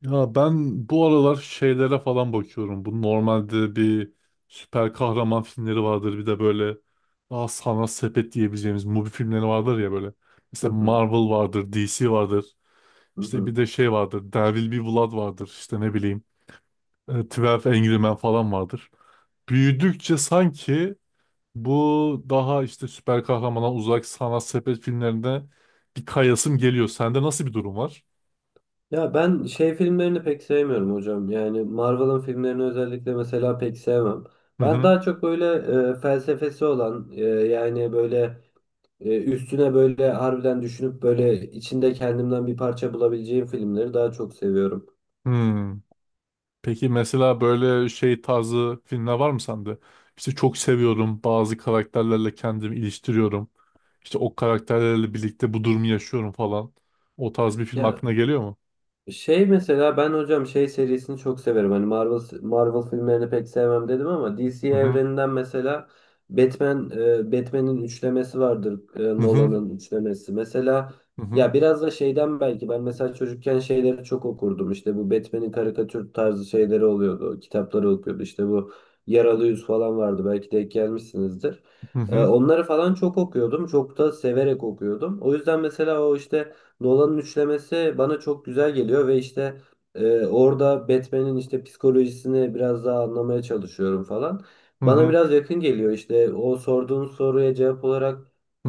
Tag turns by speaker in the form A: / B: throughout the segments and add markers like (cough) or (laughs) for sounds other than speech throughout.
A: Ya ben bu aralar şeylere falan bakıyorum. Bu normalde bir süper kahraman filmleri vardır. Bir de böyle daha sanat sepet diyebileceğimiz Mubi filmleri vardır ya böyle.
B: Hı
A: Mesela
B: hı,
A: Marvel vardır, DC vardır.
B: hı
A: İşte
B: hı.
A: bir de şey vardır. There Will Be Blood vardır. İşte ne bileyim. 12 Angry Men falan vardır. Büyüdükçe sanki bu daha işte süper kahramana uzak sanat sepet filmlerinde bir kayasım geliyor. Sende nasıl bir durum var?
B: Ya ben şey filmlerini pek sevmiyorum hocam. Yani Marvel'ın filmlerini özellikle mesela pek sevmem.
A: Hı
B: Ben
A: hı.
B: daha çok böyle felsefesi olan, yani böyle, üstüne böyle harbiden düşünüp böyle içinde kendimden bir parça bulabileceğim filmleri daha çok seviyorum.
A: Hmm. Peki mesela böyle şey tarzı filmler var mı sende? İşte çok seviyorum bazı karakterlerle kendimi iliştiriyorum. İşte o karakterlerle birlikte bu durumu yaşıyorum falan. O tarz bir film
B: Ya
A: aklına geliyor mu?
B: şey mesela ben hocam şey serisini çok severim. Hani Marvel filmlerini pek sevmem dedim ama DC
A: Hı hı,
B: evreninden mesela Batman'in üçlemesi vardır.
A: hı hı,
B: Nolan'ın üçlemesi. Mesela
A: hı hı,
B: ya biraz da şeyden belki ben mesela çocukken şeyleri çok okurdum. İşte bu Batman'in karikatür tarzı şeyleri oluyordu. Kitapları okuyordu. İşte bu Yaralı Yüz falan vardı. Belki denk gelmişsinizdir.
A: hı hı,
B: Onları falan çok okuyordum. Çok da severek okuyordum. O yüzden mesela o işte Nolan'ın üçlemesi bana çok güzel geliyor ve işte, orada Batman'in işte psikolojisini biraz daha anlamaya çalışıyorum falan.
A: hı
B: Bana
A: hı,
B: biraz yakın geliyor işte o sorduğun soruya cevap olarak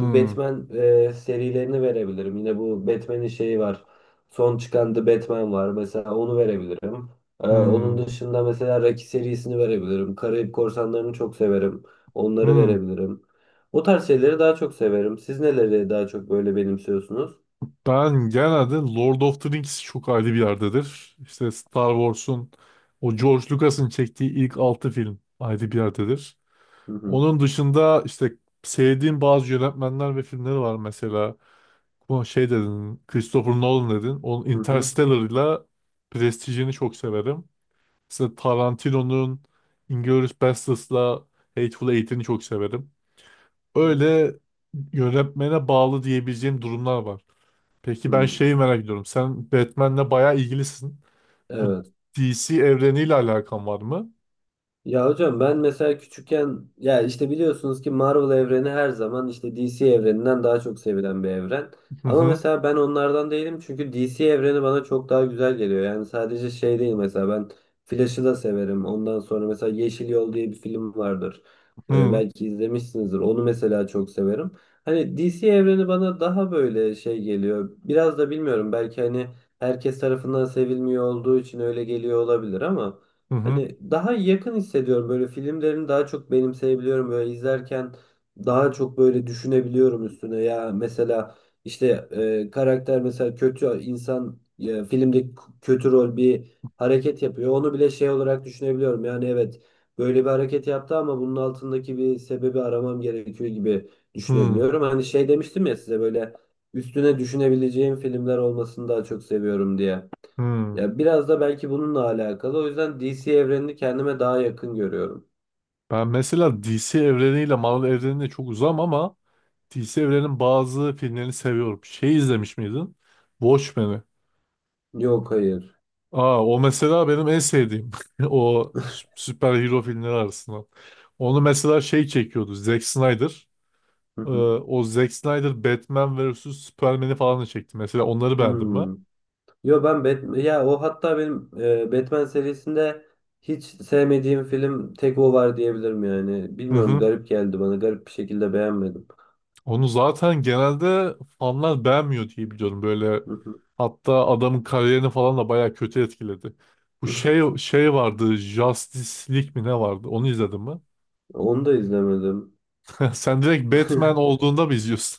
B: bu serilerini verebilirim. Yine bu Batman'in şeyi var. Son çıkan The Batman var. Mesela onu verebilirim. Onun
A: hı,
B: dışında mesela Rocky serisini verebilirim. Karayip Korsanları'nı çok severim. Onları
A: hı.
B: verebilirim. O tarz şeyleri daha çok severim. Siz neleri daha çok böyle benimsiyorsunuz?
A: Ben genelde Lord of the Rings çok ayrı bir yerdedir. İşte Star Wars'un o George Lucas'ın çektiği ilk 6 film ayrı bir yerdedir.
B: Hı hı.
A: Onun dışında işte sevdiğim bazı yönetmenler ve filmleri var mesela. Bu şey dedin, Christopher Nolan dedin. Onun
B: Hı hı.
A: Interstellar'la Prestige'ini çok severim. Mesela Tarantino'nun Inglourious Basterds'la Hateful Eight'ini çok severim.
B: Hı.
A: Öyle yönetmene bağlı diyebileceğim durumlar var. Peki ben
B: Hı.
A: şeyi merak ediyorum. Sen Batman'le bayağı ilgilisin. Bu
B: Evet.
A: DC evreniyle alakan var mı?
B: Ya hocam ben mesela küçükken ya işte biliyorsunuz ki Marvel evreni her zaman işte DC evreninden daha çok sevilen bir evren.
A: Hı
B: Ama
A: hı,
B: mesela ben onlardan değilim çünkü DC evreni bana çok daha güzel geliyor. Yani sadece şey değil, mesela ben Flash'ı da severim. Ondan sonra mesela Yeşil Yol diye bir film vardır.
A: hı
B: Belki izlemişsinizdir. Onu mesela çok severim. Hani DC evreni bana daha böyle şey geliyor. Biraz da bilmiyorum, belki hani herkes tarafından sevilmiyor olduğu için öyle geliyor olabilir, ama
A: hı,
B: hani daha yakın hissediyorum, böyle filmlerini daha çok benimseyebiliyorum, böyle izlerken daha çok böyle düşünebiliyorum üstüne. Ya mesela işte, karakter, mesela kötü insan, filmde kötü rol bir hareket yapıyor, onu bile şey olarak düşünebiliyorum. Yani evet böyle bir hareket yaptı ama bunun altındaki bir sebebi aramam gerekiyor gibi
A: hı hı.
B: düşünebiliyorum. Hani şey demiştim ya size, böyle üstüne düşünebileceğim filmler olmasını daha çok seviyorum diye.
A: Hı.
B: Ya biraz da belki bununla alakalı. O yüzden DC evrenini kendime daha yakın görüyorum.
A: Ben mesela DC evreniyle Marvel evrenine çok uzam ama DC evrenin bazı filmlerini seviyorum. Şey izlemiş miydin? Watchmen'i.
B: Yok, hayır.
A: Aa, o mesela benim en sevdiğim. (laughs) O süper hero filmleri arasında. Onu mesela şey çekiyordu. Zack Snyder.
B: Hı hı.
A: O Zack Snyder Batman vs. Superman'i falan da çekti. Mesela onları beğendim ben.
B: Hmm. Yo ben Batman, ya o hatta benim Batman serisinde hiç sevmediğim film tek o var diyebilirim yani.
A: Hı
B: Bilmiyorum,
A: hı.
B: garip geldi bana. Garip bir şekilde beğenmedim.
A: Onu zaten genelde fanlar beğenmiyor diye biliyorum. Böyle
B: Hı hı.
A: hatta adamın kariyerini falan da bayağı kötü etkiledi. Bu şey vardı, Justice League mi ne vardı? Onu izledin mi?
B: (laughs) Onu da izlemedim.
A: (laughs) Sen direkt Batman
B: (laughs)
A: olduğunda mı izliyorsun?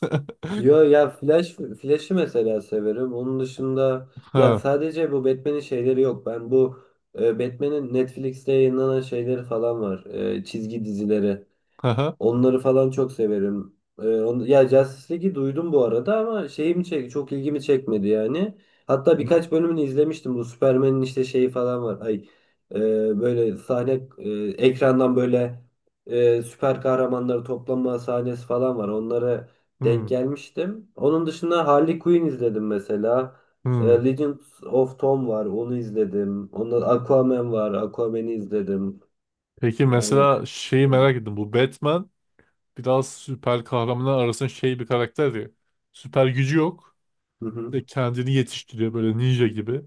B: Yo ya Flash'ı mesela severim. Onun dışında
A: (laughs)
B: ya
A: Ha,
B: sadece bu Batman'in şeyleri yok. Ben bu Batman'in Netflix'te yayınlanan şeyleri falan var. Çizgi dizileri.
A: ha,
B: Onları falan çok severim. Ya Justice League'i duydum bu arada ama şeyim çek çok ilgimi çekmedi yani. Hatta
A: hı,
B: birkaç bölümünü izlemiştim. Bu Superman'in işte şeyi falan var. Ay, e, böyle sahne, ekrandan böyle, süper kahramanları toplanma sahnesi falan var. Onlara denk
A: hı,
B: gelmiştim. Onun dışında Harley Quinn izledim mesela.
A: hmm.
B: Legends of Tom var. Onu izledim. Ondan Aquaman var. Aquaman'i izledim.
A: Peki
B: Yani.
A: mesela şeyi merak ettim. Bu Batman biraz süper kahramanlar arasında şey bir karakter ya. Süper gücü yok.
B: Hı hı,
A: İşte kendini yetiştiriyor böyle ninja gibi.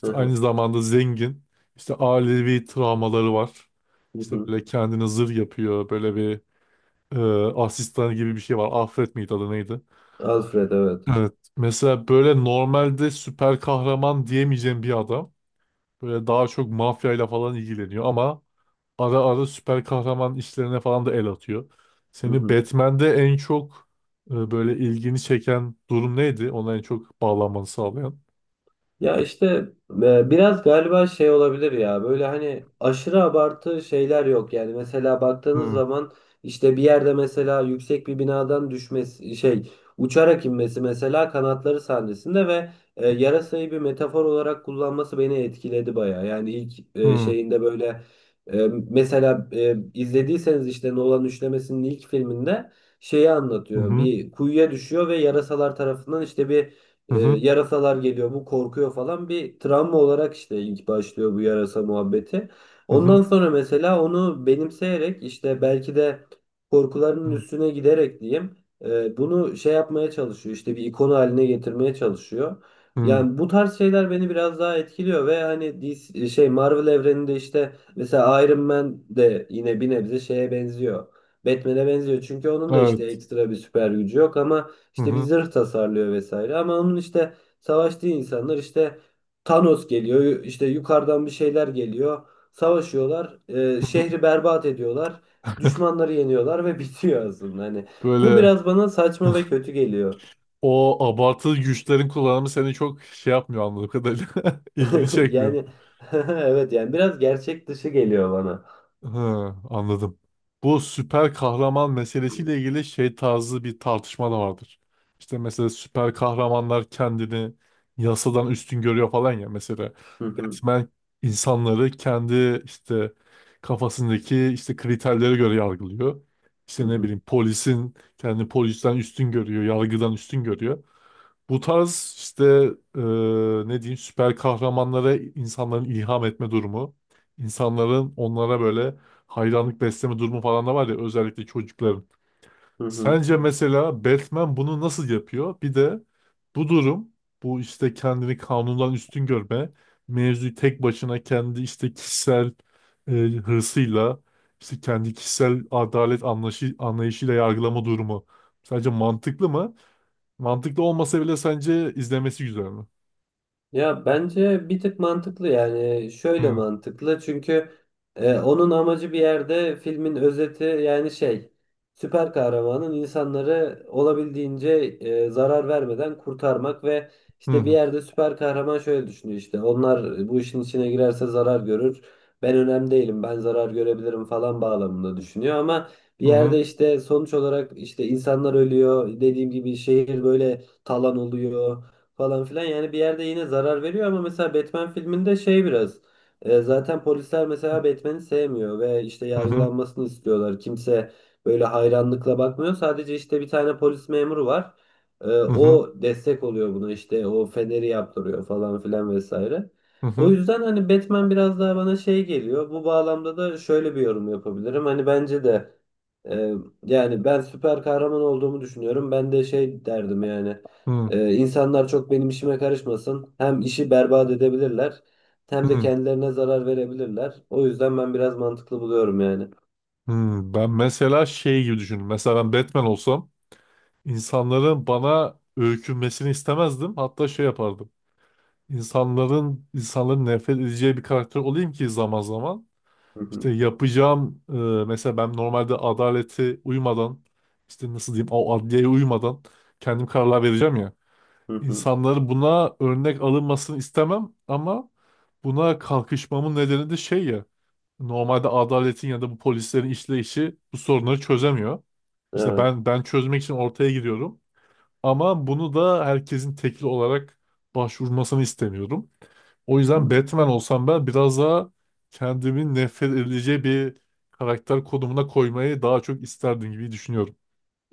B: hı
A: aynı
B: hı,
A: zamanda zengin. İşte ailevi travmaları var.
B: hı
A: İşte
B: hı.
A: böyle kendini zırh yapıyor. Böyle bir e, asistan gibi bir şey var. Alfred miydi adı neydi?
B: Alfred, evet.
A: Evet. Mesela böyle normalde süper kahraman diyemeyeceğim bir adam. Böyle daha çok mafyayla falan ilgileniyor ama ara ara süper kahraman işlerine falan da el atıyor.
B: Hı
A: Seni
B: hı.
A: Batman'de en çok böyle ilgini çeken durum neydi? Ona en çok bağlanmanı sağlayan.
B: Ya işte, biraz galiba şey olabilir ya, böyle hani aşırı abartı şeyler yok yani. Mesela baktığınız
A: Hmm,
B: zaman işte bir yerde mesela yüksek bir binadan düşmesi şey, uçarak inmesi, mesela kanatları sahnesinde ve yarasayı bir metafor olarak kullanması beni etkiledi baya yani. İlk
A: hmm,
B: şeyinde böyle, mesela izlediyseniz işte Nolan üçlemesinin ilk filminde, şeyi
A: hı
B: anlatıyor,
A: hı,
B: bir kuyuya düşüyor ve yarasalar tarafından işte bir
A: hı hı,
B: yarasalar geliyor, bu korkuyor falan, bir travma olarak işte ilk başlıyor bu yarasa muhabbeti.
A: hı hı,
B: Ondan sonra mesela onu benimseyerek işte, belki de
A: hı
B: korkularının üstüne giderek diyeyim, bunu şey yapmaya çalışıyor, işte bir ikon haline getirmeye çalışıyor.
A: hı,
B: Yani bu tarz şeyler beni biraz daha etkiliyor ve hani DC, şey Marvel evreninde işte mesela Iron Man de yine bir nebze şeye benziyor. Batman'e benziyor çünkü onun da işte
A: evet,
B: ekstra bir süper gücü yok, ama
A: hı
B: işte bir
A: hı,
B: zırh tasarlıyor vesaire. Ama onun işte savaştığı insanlar işte Thanos geliyor, işte yukarıdan bir şeyler geliyor. Savaşıyorlar,
A: hı hı.
B: şehri berbat ediyorlar, düşmanları yeniyorlar ve (laughs) bitiyor aslında. Hani bu
A: Böyle
B: biraz bana saçma ve kötü geliyor.
A: o abartılı güçlerin kullanımı seni çok şey yapmıyor anladığım kadarıyla. (laughs) İlgini
B: (laughs)
A: çekmiyor.
B: Yani (laughs) evet yani biraz gerçek dışı geliyor bana.
A: Ha, anladım. Bu süper kahraman meselesiyle ilgili şey tarzı bir tartışma da vardır. İşte mesela süper kahramanlar kendini yasadan üstün görüyor falan ya. Mesela
B: Hı hı,
A: Batman insanları kendi işte kafasındaki işte kriterlere göre yargılıyor.
B: hı
A: İşte ne
B: hı,
A: bileyim polisin kendi polisten üstün görüyor, yargıdan üstün görüyor. Bu tarz işte e, ne diyeyim süper kahramanlara insanların ilham etme durumu, insanların onlara böyle hayranlık besleme durumu falan da var ya, özellikle çocukların.
B: hı hı.
A: Sence mesela Batman bunu nasıl yapıyor? Bir de bu durum, bu işte kendini kanundan üstün görme, mevzuyu tek başına kendi işte kişisel hırsıyla, işte kendi kişisel adalet anlayışı, anlayışıyla yargılama durumu. Sence mantıklı mı? Mantıklı olmasa bile sence izlemesi güzel mi?
B: Ya bence bir tık mantıklı, yani şöyle
A: Hı
B: mantıklı çünkü onun amacı bir yerde filmin özeti yani şey, süper kahramanın insanları olabildiğince zarar vermeden kurtarmak. Ve
A: hı,
B: işte bir
A: hı
B: yerde süper kahraman şöyle düşünüyor, işte onlar bu işin içine girerse zarar görür, ben önemli değilim, ben zarar görebilirim falan bağlamında düşünüyor. Ama bir
A: hı,
B: yerde
A: hı
B: işte sonuç olarak işte insanlar ölüyor, dediğim gibi şehir böyle talan oluyor falan filan. Yani bir yerde yine zarar veriyor. Ama mesela Batman filminde şey biraz, zaten polisler mesela Batman'i sevmiyor ve işte
A: hı,
B: yargılanmasını istiyorlar. Kimse böyle hayranlıkla bakmıyor. Sadece işte bir tane polis memuru var.
A: hı hı,
B: O destek oluyor buna, işte o feneri yaptırıyor falan filan vesaire. O
A: hı
B: yüzden hani Batman biraz daha bana şey geliyor. Bu bağlamda da şöyle bir yorum yapabilirim. Hani bence de, e, yani ben süper kahraman olduğumu düşünüyorum, ben de şey derdim yani.
A: hı,
B: İnsanlar çok benim işime karışmasın. Hem işi berbat edebilirler, hem de
A: hı.
B: kendilerine zarar verebilirler. O yüzden ben biraz mantıklı buluyorum yani.
A: Hı. Ben mesela şey gibi düşündüm. Mesela ben Batman olsam insanların bana öykünmesini istemezdim. Hatta şey yapardım. İnsanların insanların nefret edeceği bir karakter olayım ki zaman zaman
B: Hı hı,
A: işte yapacağım mesela ben normalde adalete uymadan işte nasıl diyeyim o adliyeye uymadan kendim kararlar vereceğim ya.
B: hı hı.
A: İnsanların buna örnek alınmasını istemem ama buna kalkışmamın nedeni de şey ya, normalde adaletin ya da bu polislerin işleyişi bu sorunları çözemiyor. İşte
B: Evet.
A: ben çözmek için ortaya giriyorum ama bunu da herkesin tekli olarak başvurmasını istemiyorum. O
B: Hı
A: yüzden
B: hı.
A: Batman olsam ben biraz daha kendimi nefret edileceği bir karakter konumuna koymayı daha çok isterdim gibi düşünüyorum.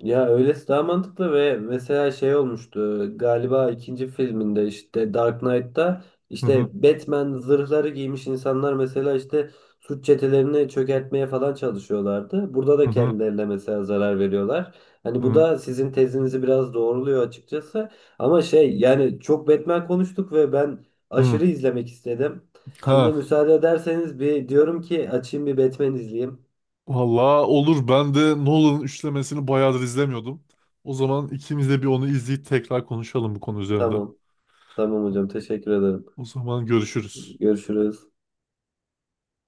B: Ya öylesi daha mantıklı ve mesela şey olmuştu galiba ikinci filminde, işte Dark Knight'ta
A: Hı hı,
B: işte Batman zırhları giymiş insanlar mesela işte suç çetelerini çökertmeye falan çalışıyorlardı. Burada
A: hı
B: da
A: hı,
B: kendilerine mesela zarar veriyorlar. Hani bu
A: hı.
B: da sizin tezinizi biraz doğruluyor açıkçası. Ama şey, yani çok Batman konuştuk ve ben
A: Hı.
B: aşırı izlemek istedim. Şimdi
A: Ha.
B: müsaade ederseniz bir diyorum ki, açayım bir Batman izleyeyim.
A: Valla olur. Ben de Nolan'ın üçlemesini bayağıdır izlemiyordum. O zaman ikimiz de bir onu izleyip tekrar konuşalım bu konu üzerinde.
B: Tamam. Tamam hocam, teşekkür ederim.
A: O zaman görüşürüz.
B: Görüşürüz.